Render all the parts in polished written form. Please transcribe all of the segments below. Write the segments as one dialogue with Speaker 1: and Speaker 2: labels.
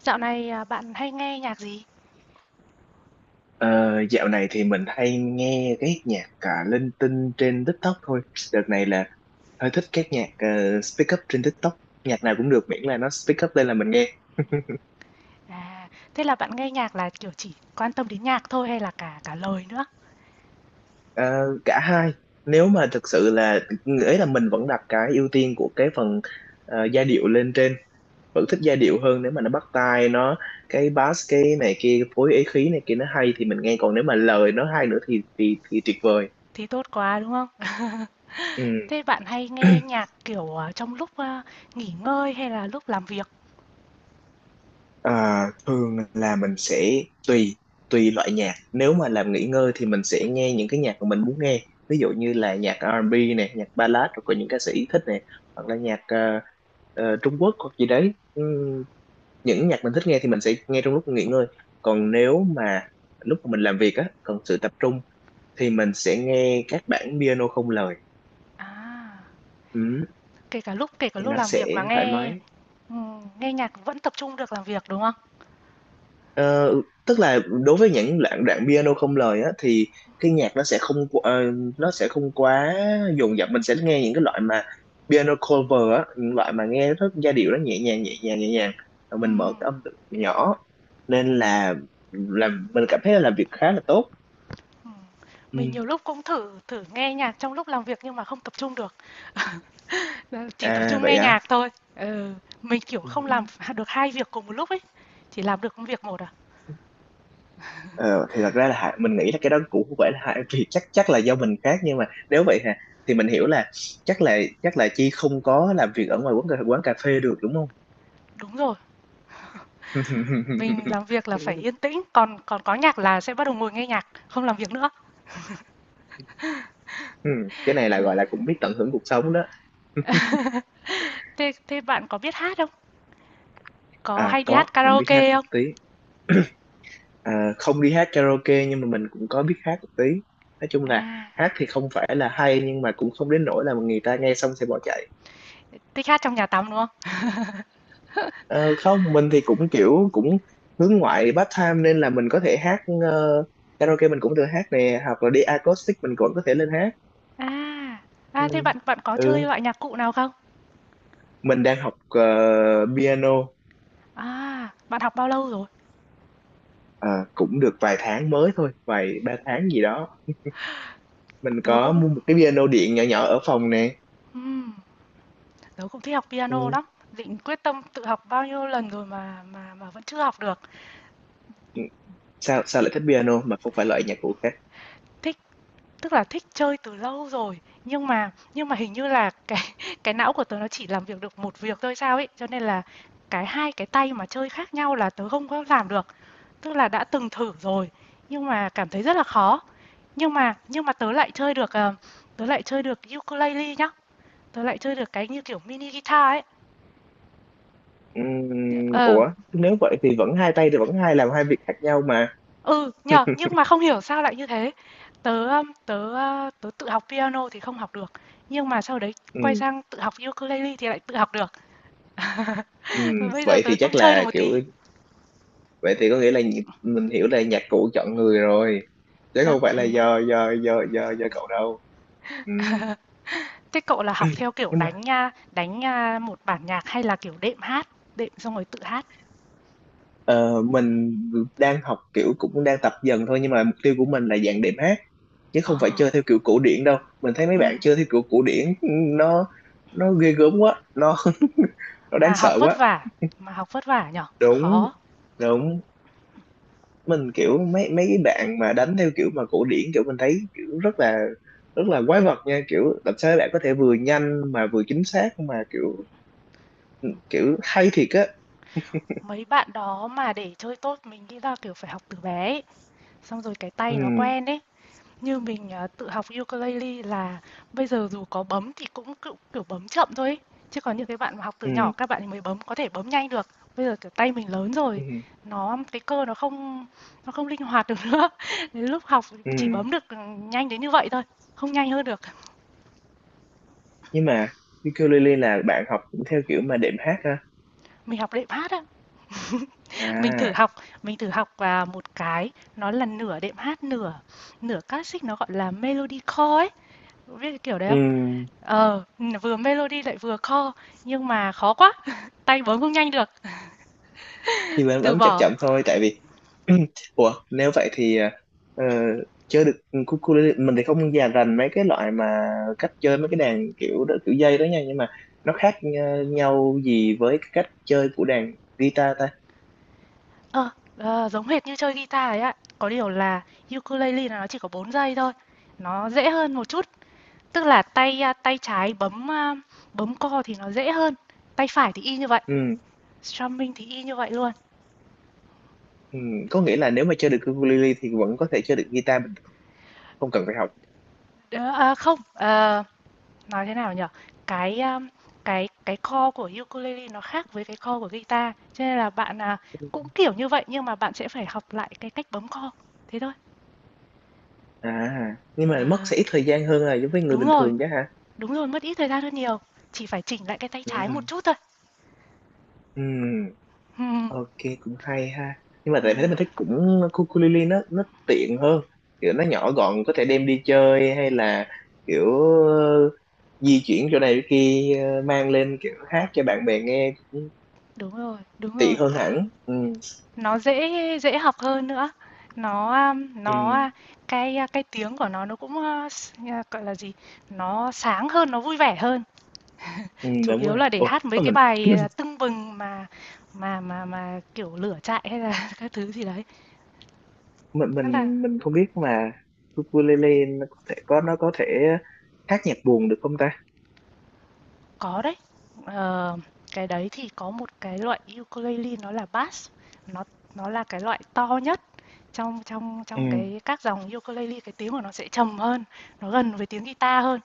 Speaker 1: Dạo này, bạn hay nghe nhạc gì?
Speaker 2: Ờ, Dạo này thì mình hay nghe cái nhạc cả linh tinh trên TikTok thôi. Đợt này là hơi thích các nhạc speak up trên TikTok. Nhạc nào cũng được miễn là nó speak up lên là mình nghe.
Speaker 1: À, thế là bạn nghe nhạc là, kiểu, chỉ quan tâm đến nhạc thôi hay là cả cả lời nữa?
Speaker 2: Ờ, cả hai. Nếu mà thực sự là nghĩa là mình vẫn đặt cái ưu tiên của cái phần giai điệu lên trên. Vẫn thích giai điệu hơn nếu mà nó bắt tai, nó cái bass cái này kia phối ý khí này kia nó hay thì mình nghe, còn nếu mà lời nó hay nữa thì thì tuyệt vời.
Speaker 1: Thì tốt quá, đúng không? Thế bạn hay
Speaker 2: Ừ.
Speaker 1: nghe nhạc, kiểu, trong lúc, nghỉ ngơi hay là lúc làm việc?
Speaker 2: Ờ, Thường là mình sẽ tùy tùy loại nhạc, nếu mà làm nghỉ ngơi thì mình sẽ nghe những cái nhạc mà mình muốn nghe, ví dụ như là nhạc R&B này, nhạc ballad, rồi có những ca sĩ thích này hoặc là nhạc Trung Quốc hoặc gì đấy. Những nhạc mình thích nghe thì mình sẽ nghe trong lúc nghỉ ngơi, còn nếu mà lúc mà mình làm việc á, cần sự tập trung thì mình sẽ nghe các bản piano không lời.
Speaker 1: À,
Speaker 2: Ừm,
Speaker 1: kể cả
Speaker 2: thì
Speaker 1: lúc
Speaker 2: nó
Speaker 1: làm việc mà
Speaker 2: sẽ thoải
Speaker 1: nghe
Speaker 2: mái.
Speaker 1: nghe nhạc vẫn tập trung được làm việc, đúng không?
Speaker 2: Ờ, Tức là đối với những đoạn đoạn piano không lời á thì cái nhạc nó sẽ không qu- ờ, nó sẽ không quá dồn dập, mình sẽ nghe những cái loại mà piano cover á, những loại mà nghe rất giai điệu, nó nhẹ nhàng nhẹ nhàng, rồi mình mở
Speaker 1: Ừm.
Speaker 2: cái âm lượng nhỏ, nên là làm mình cảm thấy là làm việc khá là tốt. Ừ.
Speaker 1: Mình nhiều lúc cũng thử thử nghe nhạc trong lúc làm việc nhưng mà không tập trung được. Ờ, chỉ tập
Speaker 2: À
Speaker 1: trung
Speaker 2: vậy
Speaker 1: nghe nhạc
Speaker 2: á.
Speaker 1: thôi. Ừ, mình, kiểu,
Speaker 2: Ừ.
Speaker 1: không làm được hai việc cùng một lúc ấy, chỉ làm được một việc một à.
Speaker 2: Ờ, thì thật ra là mình nghĩ là cái đó cũng không phải là hai, vì chắc chắc là do mình khác, nhưng mà nếu vậy hả thì mình hiểu là chắc là Chi không có làm việc ở ngoài quán cà phê được đúng không?
Speaker 1: Đúng rồi, mình làm việc là phải yên tĩnh, còn còn có nhạc là sẽ bắt đầu ngồi nghe nhạc, không làm việc nữa.
Speaker 2: Ừ, cái này là
Speaker 1: Ờ,
Speaker 2: gọi là cũng biết tận hưởng cuộc sống đó.
Speaker 1: thế thế bạn có biết hát không? Có
Speaker 2: À
Speaker 1: hay đi
Speaker 2: có,
Speaker 1: hát
Speaker 2: mình biết hát
Speaker 1: karaoke
Speaker 2: một
Speaker 1: không?
Speaker 2: tí. À, không đi hát karaoke nhưng mà mình cũng có biết hát một tí. Nói chung là
Speaker 1: À,
Speaker 2: hát thì không phải là hay nhưng mà cũng không đến nỗi là người ta nghe xong sẽ bỏ chạy.
Speaker 1: thích hát trong nhà tắm, đúng không?
Speaker 2: Ờ, không, mình thì cũng kiểu cũng hướng ngoại part time, nên là mình có thể hát karaoke mình cũng được hát nè, hoặc là đi acoustic mình cũng có thể lên hát.
Speaker 1: À,
Speaker 2: Ừ.
Speaker 1: à, thế bạn bạn có chơi
Speaker 2: Ừ.
Speaker 1: loại nhạc cụ nào không?
Speaker 2: Mình đang học piano.
Speaker 1: À, bạn học bao lâu rồi?
Speaker 2: Ờ, Cũng được vài tháng mới thôi, vài ba tháng gì đó, mình
Speaker 1: Tớ
Speaker 2: có
Speaker 1: cũng
Speaker 2: mua một cái piano điện nhỏ nhỏ ở phòng nè.
Speaker 1: ừm. Tớ cũng thích học piano
Speaker 2: Ừ.
Speaker 1: lắm, định quyết tâm tự học bao nhiêu lần rồi mà vẫn chưa học được.
Speaker 2: Ừ, sao sao lại thích piano mà không phải loại nhạc cụ khác?
Speaker 1: Thích tức là thích chơi từ lâu rồi, nhưng mà hình như là cái não của tớ nó chỉ làm việc được một việc thôi sao ấy, cho nên là cái hai cái tay mà chơi khác nhau là tớ không có làm được. Tức là đã từng thử rồi nhưng mà cảm thấy rất là khó. Nhưng mà tớ lại chơi được tớ lại chơi được ukulele nhá. Tớ lại chơi được cái như kiểu mini guitar ấy. Ờ,
Speaker 2: Ủa nếu vậy thì vẫn hai tay thì vẫn hai làm hai việc khác nhau mà.
Speaker 1: ừ, nhờ, nhưng mà không hiểu sao lại như thế. Tớ Tớ tớ tự học piano thì không học được, nhưng mà sau đấy quay
Speaker 2: Ừm.
Speaker 1: sang tự học ukulele thì lại tự học được. Và
Speaker 2: Ừm,
Speaker 1: bây giờ
Speaker 2: vậy
Speaker 1: tớ
Speaker 2: thì chắc
Speaker 1: cũng chơi được
Speaker 2: là
Speaker 1: một tí.
Speaker 2: kiểu vậy thì có nghĩa là mình hiểu là nhạc cụ chọn người rồi, chứ
Speaker 1: Chắc
Speaker 2: không phải là
Speaker 1: thế.
Speaker 2: do do cậu đâu. Ừ.
Speaker 1: Thế cậu là học theo kiểu
Speaker 2: Nhưng mà
Speaker 1: đánh nha một bản nhạc hay là kiểu đệm hát, đệm xong rồi tự hát?
Speaker 2: ờ, mình đang học kiểu cũng đang tập dần thôi, nhưng mà mục tiêu của mình là dạng đệm hát, chứ không phải
Speaker 1: Ờ,
Speaker 2: chơi theo kiểu cổ điển đâu. Mình thấy mấy
Speaker 1: ừm,
Speaker 2: bạn chơi theo kiểu cổ điển nó nó ghê gớm quá, nó nó đáng
Speaker 1: mà học
Speaker 2: sợ
Speaker 1: vất
Speaker 2: quá.
Speaker 1: vả, mà học vất vả nhở,
Speaker 2: Đúng,
Speaker 1: khó.
Speaker 2: đúng, mình kiểu mấy mấy cái bạn mà đánh theo kiểu mà cổ điển, kiểu mình thấy kiểu rất là quái vật nha, kiểu làm sao bạn có thể vừa nhanh mà vừa chính xác mà kiểu kiểu hay thiệt á.
Speaker 1: Mấy bạn đó mà để chơi tốt mình nghĩ là kiểu phải học từ bé ấy. Xong rồi cái
Speaker 2: Ừ.
Speaker 1: tay nó quen ấy. Như mình, à, tự học ukulele là bây giờ dù có bấm thì cũng cựu kiểu bấm chậm thôi ấy. Chứ còn những cái bạn mà học từ
Speaker 2: Ừ.
Speaker 1: nhỏ các bạn ấy mới bấm có thể bấm nhanh được. Bây giờ, kiểu, tay mình lớn
Speaker 2: Ừ.
Speaker 1: rồi, cái cơ nó không linh hoạt được nữa. Đến lúc học
Speaker 2: Ừ,
Speaker 1: chỉ bấm được, ừ, nhanh đến như vậy thôi, không nhanh hơn được.
Speaker 2: nhưng mà ukulele là bạn học theo kiểu mà đệm hát ha?
Speaker 1: Mình học đệm hát á, mình thử
Speaker 2: À.
Speaker 1: học mình thử học, à, một cái nó là nửa đệm hát, nửa nửa classic, nó gọi là Melodycore ấy, biết cái kiểu đấy không?
Speaker 2: Ừ,
Speaker 1: Ờ, vừa melody lại vừa core nhưng mà khó quá, tay bấm không nhanh được,
Speaker 2: nhưng mà em
Speaker 1: từ
Speaker 2: bấm chậm
Speaker 1: bỏ.
Speaker 2: chậm thôi, tại vì ủa nếu vậy thì ờ, chơi được cucu, mình thì không già rành mấy cái loại mà cách chơi mấy cái đàn kiểu đó, kiểu dây đó nha, nhưng mà nó khác nhau gì với cái cách chơi của đàn guitar ta?
Speaker 1: Ờ, Giống hệt như chơi guitar ấy ạ, có điều là ukulele là nó chỉ có 4 giây thôi, nó dễ hơn một chút, tức là tay trái bấm core thì nó dễ hơn, tay phải thì y như vậy,
Speaker 2: Ừ.
Speaker 1: strumming thì y như vậy luôn.
Speaker 2: Ừ, có nghĩa là nếu mà chơi được ukulele thì vẫn có thể chơi được guitar bình thường, không cần phải học.
Speaker 1: Không, ờ, nói thế nào nhở cái um, cái chord của ukulele nó khác với cái chord của guitar cho nên là cũng kiểu như vậy nhưng mà bạn sẽ phải học lại cái cách bấm chord thế thôi.
Speaker 2: À, nhưng mà mất
Speaker 1: À,
Speaker 2: sẽ ít thời gian hơn là giống với người
Speaker 1: đúng
Speaker 2: bình
Speaker 1: rồi
Speaker 2: thường chứ hả?
Speaker 1: đúng rồi mất ít thời gian hơn nhiều, chỉ phải chỉnh lại cái tay
Speaker 2: Ừ.
Speaker 1: trái một chút thôi.
Speaker 2: Ừ.
Speaker 1: Ừm,
Speaker 2: Ok, cũng hay ha, nhưng mà tại thế
Speaker 1: à,
Speaker 2: mình thích cũng ukulele, nó tiện hơn, kiểu nó nhỏ gọn có thể đem đi chơi hay là kiểu ờ, di chuyển chỗ này chỗ kia, mang lên kiểu hát cho bạn bè nghe cũng
Speaker 1: đúng rồi
Speaker 2: tiện hơn hẳn. Ừ.
Speaker 1: nó dễ dễ học hơn nữa
Speaker 2: Ừ.
Speaker 1: nó cái tiếng của nó cũng gọi là gì, nó sáng hơn nó vui vẻ hơn.
Speaker 2: Ừ
Speaker 1: Chủ
Speaker 2: đúng
Speaker 1: yếu
Speaker 2: rồi.
Speaker 1: là để
Speaker 2: Ủa
Speaker 1: hát mấy
Speaker 2: mà
Speaker 1: cái
Speaker 2: mình
Speaker 1: bài, à, tưng bừng mà kiểu, lửa trại hay là các thứ gì đấy.
Speaker 2: mình
Speaker 1: Rất là
Speaker 2: mình mình không biết mà ukulele nó có thể có nó có thể hát nhạc buồn được không ta?
Speaker 1: có đấy, ờ, cái đấy thì có một cái loại ukulele nó là bass, nó nó là cái loại to nhất trong trong
Speaker 2: Ừ.
Speaker 1: trong cái các dòng ukulele, cái tiếng của nó sẽ trầm hơn, nó gần với tiếng guitar hơn,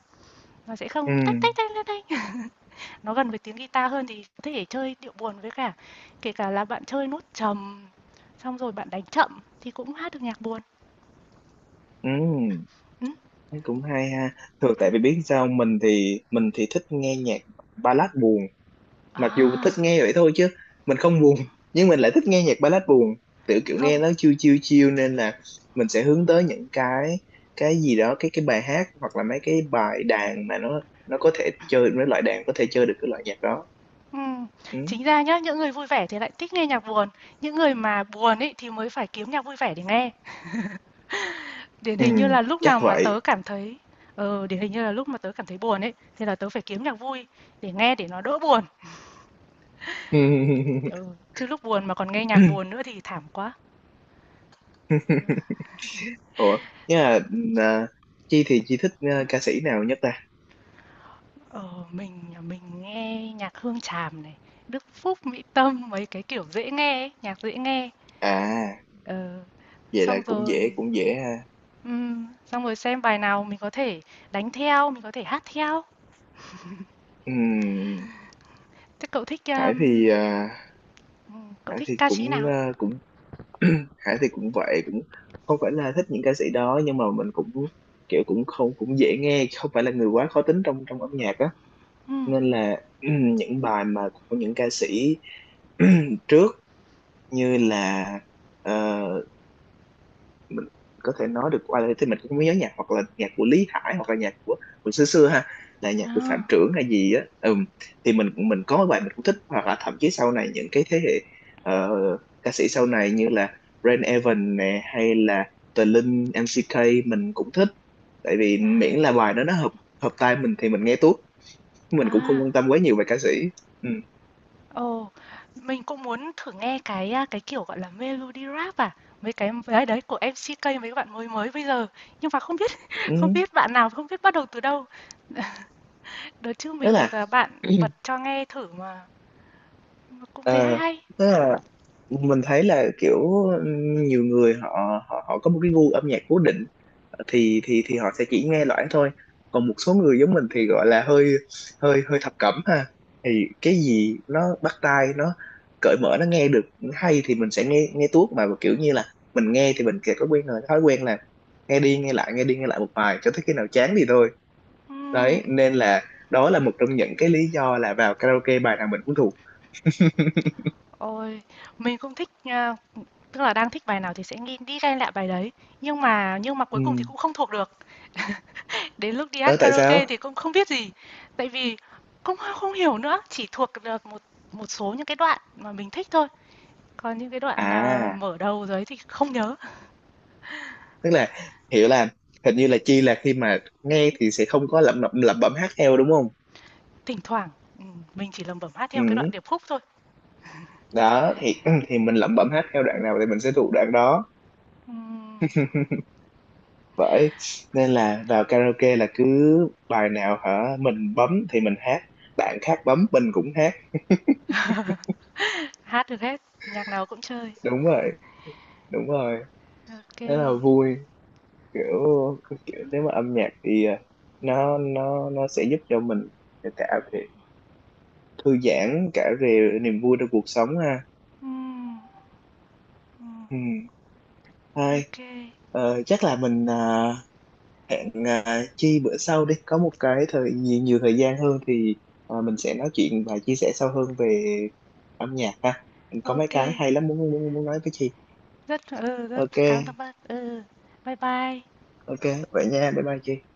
Speaker 1: nó sẽ
Speaker 2: Ừ.
Speaker 1: không tách, tách, tách, tách, tách. Nó gần với tiếng guitar hơn thì có thể chơi điệu buồn với cả kể cả là bạn chơi nốt trầm, xong rồi bạn đánh chậm thì cũng hát được nhạc buồn.
Speaker 2: Ừ.
Speaker 1: Ừm.
Speaker 2: Thấy cũng hay ha. Thường tại vì biết sao, mình thì thích nghe nhạc ballad buồn. Mặc dù thích
Speaker 1: À,
Speaker 2: nghe vậy thôi chứ mình không buồn, nhưng mình lại thích nghe nhạc ballad buồn. Tự kiểu nghe
Speaker 1: không,
Speaker 2: nó chill chill chill, nên là mình sẽ hướng tới những cái gì đó, cái bài hát hoặc là mấy cái bài đàn mà nó có thể chơi mấy loại đàn có thể chơi được cái loại nhạc đó.
Speaker 1: ừm,
Speaker 2: Ừ.
Speaker 1: chính ra nhá, những người vui vẻ thì lại thích nghe nhạc buồn, những người mà buồn ấy thì mới phải kiếm nhạc vui vẻ để nghe. Điển
Speaker 2: Ừ
Speaker 1: hình như là lúc
Speaker 2: chắc
Speaker 1: nào mà tớ
Speaker 2: vậy.
Speaker 1: cảm thấy ờ, điển hình như là lúc mà tớ cảm thấy buồn ấy thì là tớ phải kiếm nhạc vui để nghe để nó đỡ buồn. Ừ, chứ lúc buồn mà còn nghe nhạc buồn nữa thì thảm quá.
Speaker 2: Ủa, nhưng mà à, Chi thì Chi thích à, ca sĩ nào nhất ta?
Speaker 1: Ờ, mình nghe nhạc Hương Tràm này, Đức Phúc, Mỹ Tâm mấy cái kiểu dễ nghe ấy, nhạc dễ nghe.
Speaker 2: À,
Speaker 1: Ờ,
Speaker 2: vậy là
Speaker 1: xong rồi
Speaker 2: cũng dễ ha.
Speaker 1: ừm, xong rồi xem bài nào mình có thể đánh theo, mình có thể hát theo.
Speaker 2: Ừm,
Speaker 1: Thế
Speaker 2: Hải thì à,
Speaker 1: cậu
Speaker 2: Hải
Speaker 1: thích
Speaker 2: thì
Speaker 1: ca sĩ
Speaker 2: cũng
Speaker 1: nào?
Speaker 2: à, cũng Hải thì cũng vậy cũng không phải là thích những ca sĩ đó, nhưng mà mình cũng kiểu cũng không cũng dễ nghe, không phải là người quá khó tính trong trong âm nhạc á,
Speaker 1: Ừm.
Speaker 2: nên là những bài mà của những ca sĩ trước như là ờ, mình có thể nói được qua đây thì mình cũng không nhớ nhạc, hoặc là nhạc của Lý Hải hoặc là nhạc của xưa xưa ha, là nhạc của Phạm
Speaker 1: À,
Speaker 2: Trưởng hay gì á. Ừm, thì mình có mấy bài mình cũng thích, hoặc là thậm chí sau này những cái thế hệ ờ, ca sĩ sau này như là Rain Evans nè hay là Tờ Linh MCK, mình cũng thích, tại vì
Speaker 1: à,
Speaker 2: miễn là bài đó nó hợp hợp tai mình thì mình nghe tốt, mình cũng không
Speaker 1: à.
Speaker 2: quan tâm quá nhiều về ca sĩ. Ừ.
Speaker 1: Ồ, mình cũng muốn thử nghe cái à, cái kiểu gọi là melody rap à, mấy cái đấy đấy của MCK mấy bạn mới mới bây giờ. Nhưng mà không biết
Speaker 2: Ừ.
Speaker 1: không biết bạn nào không biết bắt đầu từ đâu. Đợt trước
Speaker 2: Tức
Speaker 1: mình được
Speaker 2: là
Speaker 1: à, bạn bật cho nghe thử mà cũng thấy hay
Speaker 2: ờ,
Speaker 1: hay.
Speaker 2: tức là mình thấy là kiểu nhiều người họ họ họ có một cái gu âm nhạc cố định thì thì họ sẽ chỉ nghe loãng thôi, còn một số người giống mình thì gọi là hơi hơi hơi thập cẩm ha, thì cái gì nó bắt tai, nó cởi mở, nó nghe được hay thì mình sẽ nghe nghe tuốt, mà kiểu như là mình nghe thì mình kìa có quen rồi thói quen là nghe đi nghe lại nghe đi nghe lại một bài cho tới khi nào chán thì thôi.
Speaker 1: Ừm,
Speaker 2: Đấy nên là đó là một trong những cái lý do là vào karaoke bài nào mình cũng thuộc.
Speaker 1: Ôi, mình cũng thích à, tức là đang thích bài nào thì sẽ nghi đi ghen lại bài đấy, nhưng mà cuối
Speaker 2: Ừ
Speaker 1: cùng thì cũng không thuộc được. Đến lúc đi
Speaker 2: đó
Speaker 1: hát
Speaker 2: tại
Speaker 1: karaoke
Speaker 2: sao.
Speaker 1: thì cũng không biết gì, tại vì cũng không không hiểu nữa, chỉ thuộc được một một số những cái đoạn mà mình thích thôi, còn những cái đoạn, à,
Speaker 2: À
Speaker 1: mở đầu đấy thì không nhớ.
Speaker 2: tức là hiểu là hình như là Chi là khi mà nghe thì sẽ không có lẩm lẩm lẩm bẩm hát theo đúng không?
Speaker 1: Thỉnh thoảng, ừ, mình chỉ lẩm bẩm hát theo cái đoạn
Speaker 2: Ừ.
Speaker 1: điệp khúc thôi.
Speaker 2: Đó thì thì mình lẩm bẩm hát theo đoạn nào thì mình sẽ thuộc đoạn đó,
Speaker 1: Ừm,
Speaker 2: bởi nên là vào karaoke là cứ bài nào hả mình bấm thì mình hát, bạn khác bấm mình cũng hát.
Speaker 1: hát được hết, nhạc nào cũng chơi.
Speaker 2: Đúng rồi, đúng rồi,
Speaker 1: Ok kê,
Speaker 2: thế là vui, kiểu kiểu nếu mà âm nhạc thì à, nó nó sẽ giúp cho mình cả về thư giãn, cả về niềm vui trong cuộc sống ha.
Speaker 1: ok,
Speaker 2: Ừ. Thôi,
Speaker 1: ô
Speaker 2: chắc là mình hẹn Chi bữa sau đi. Có một cái thời nhiều, nhiều thời gian hơn thì mình sẽ nói chuyện và chia sẻ sâu hơn về âm nhạc ha. Có mấy cái hay lắm muốn muốn muốn nói với Chi.
Speaker 1: rất ừ, rất
Speaker 2: Ok,
Speaker 1: cảm ơn bác, ừ, bye bye.
Speaker 2: ok, vậy nha. Bye bye Chi.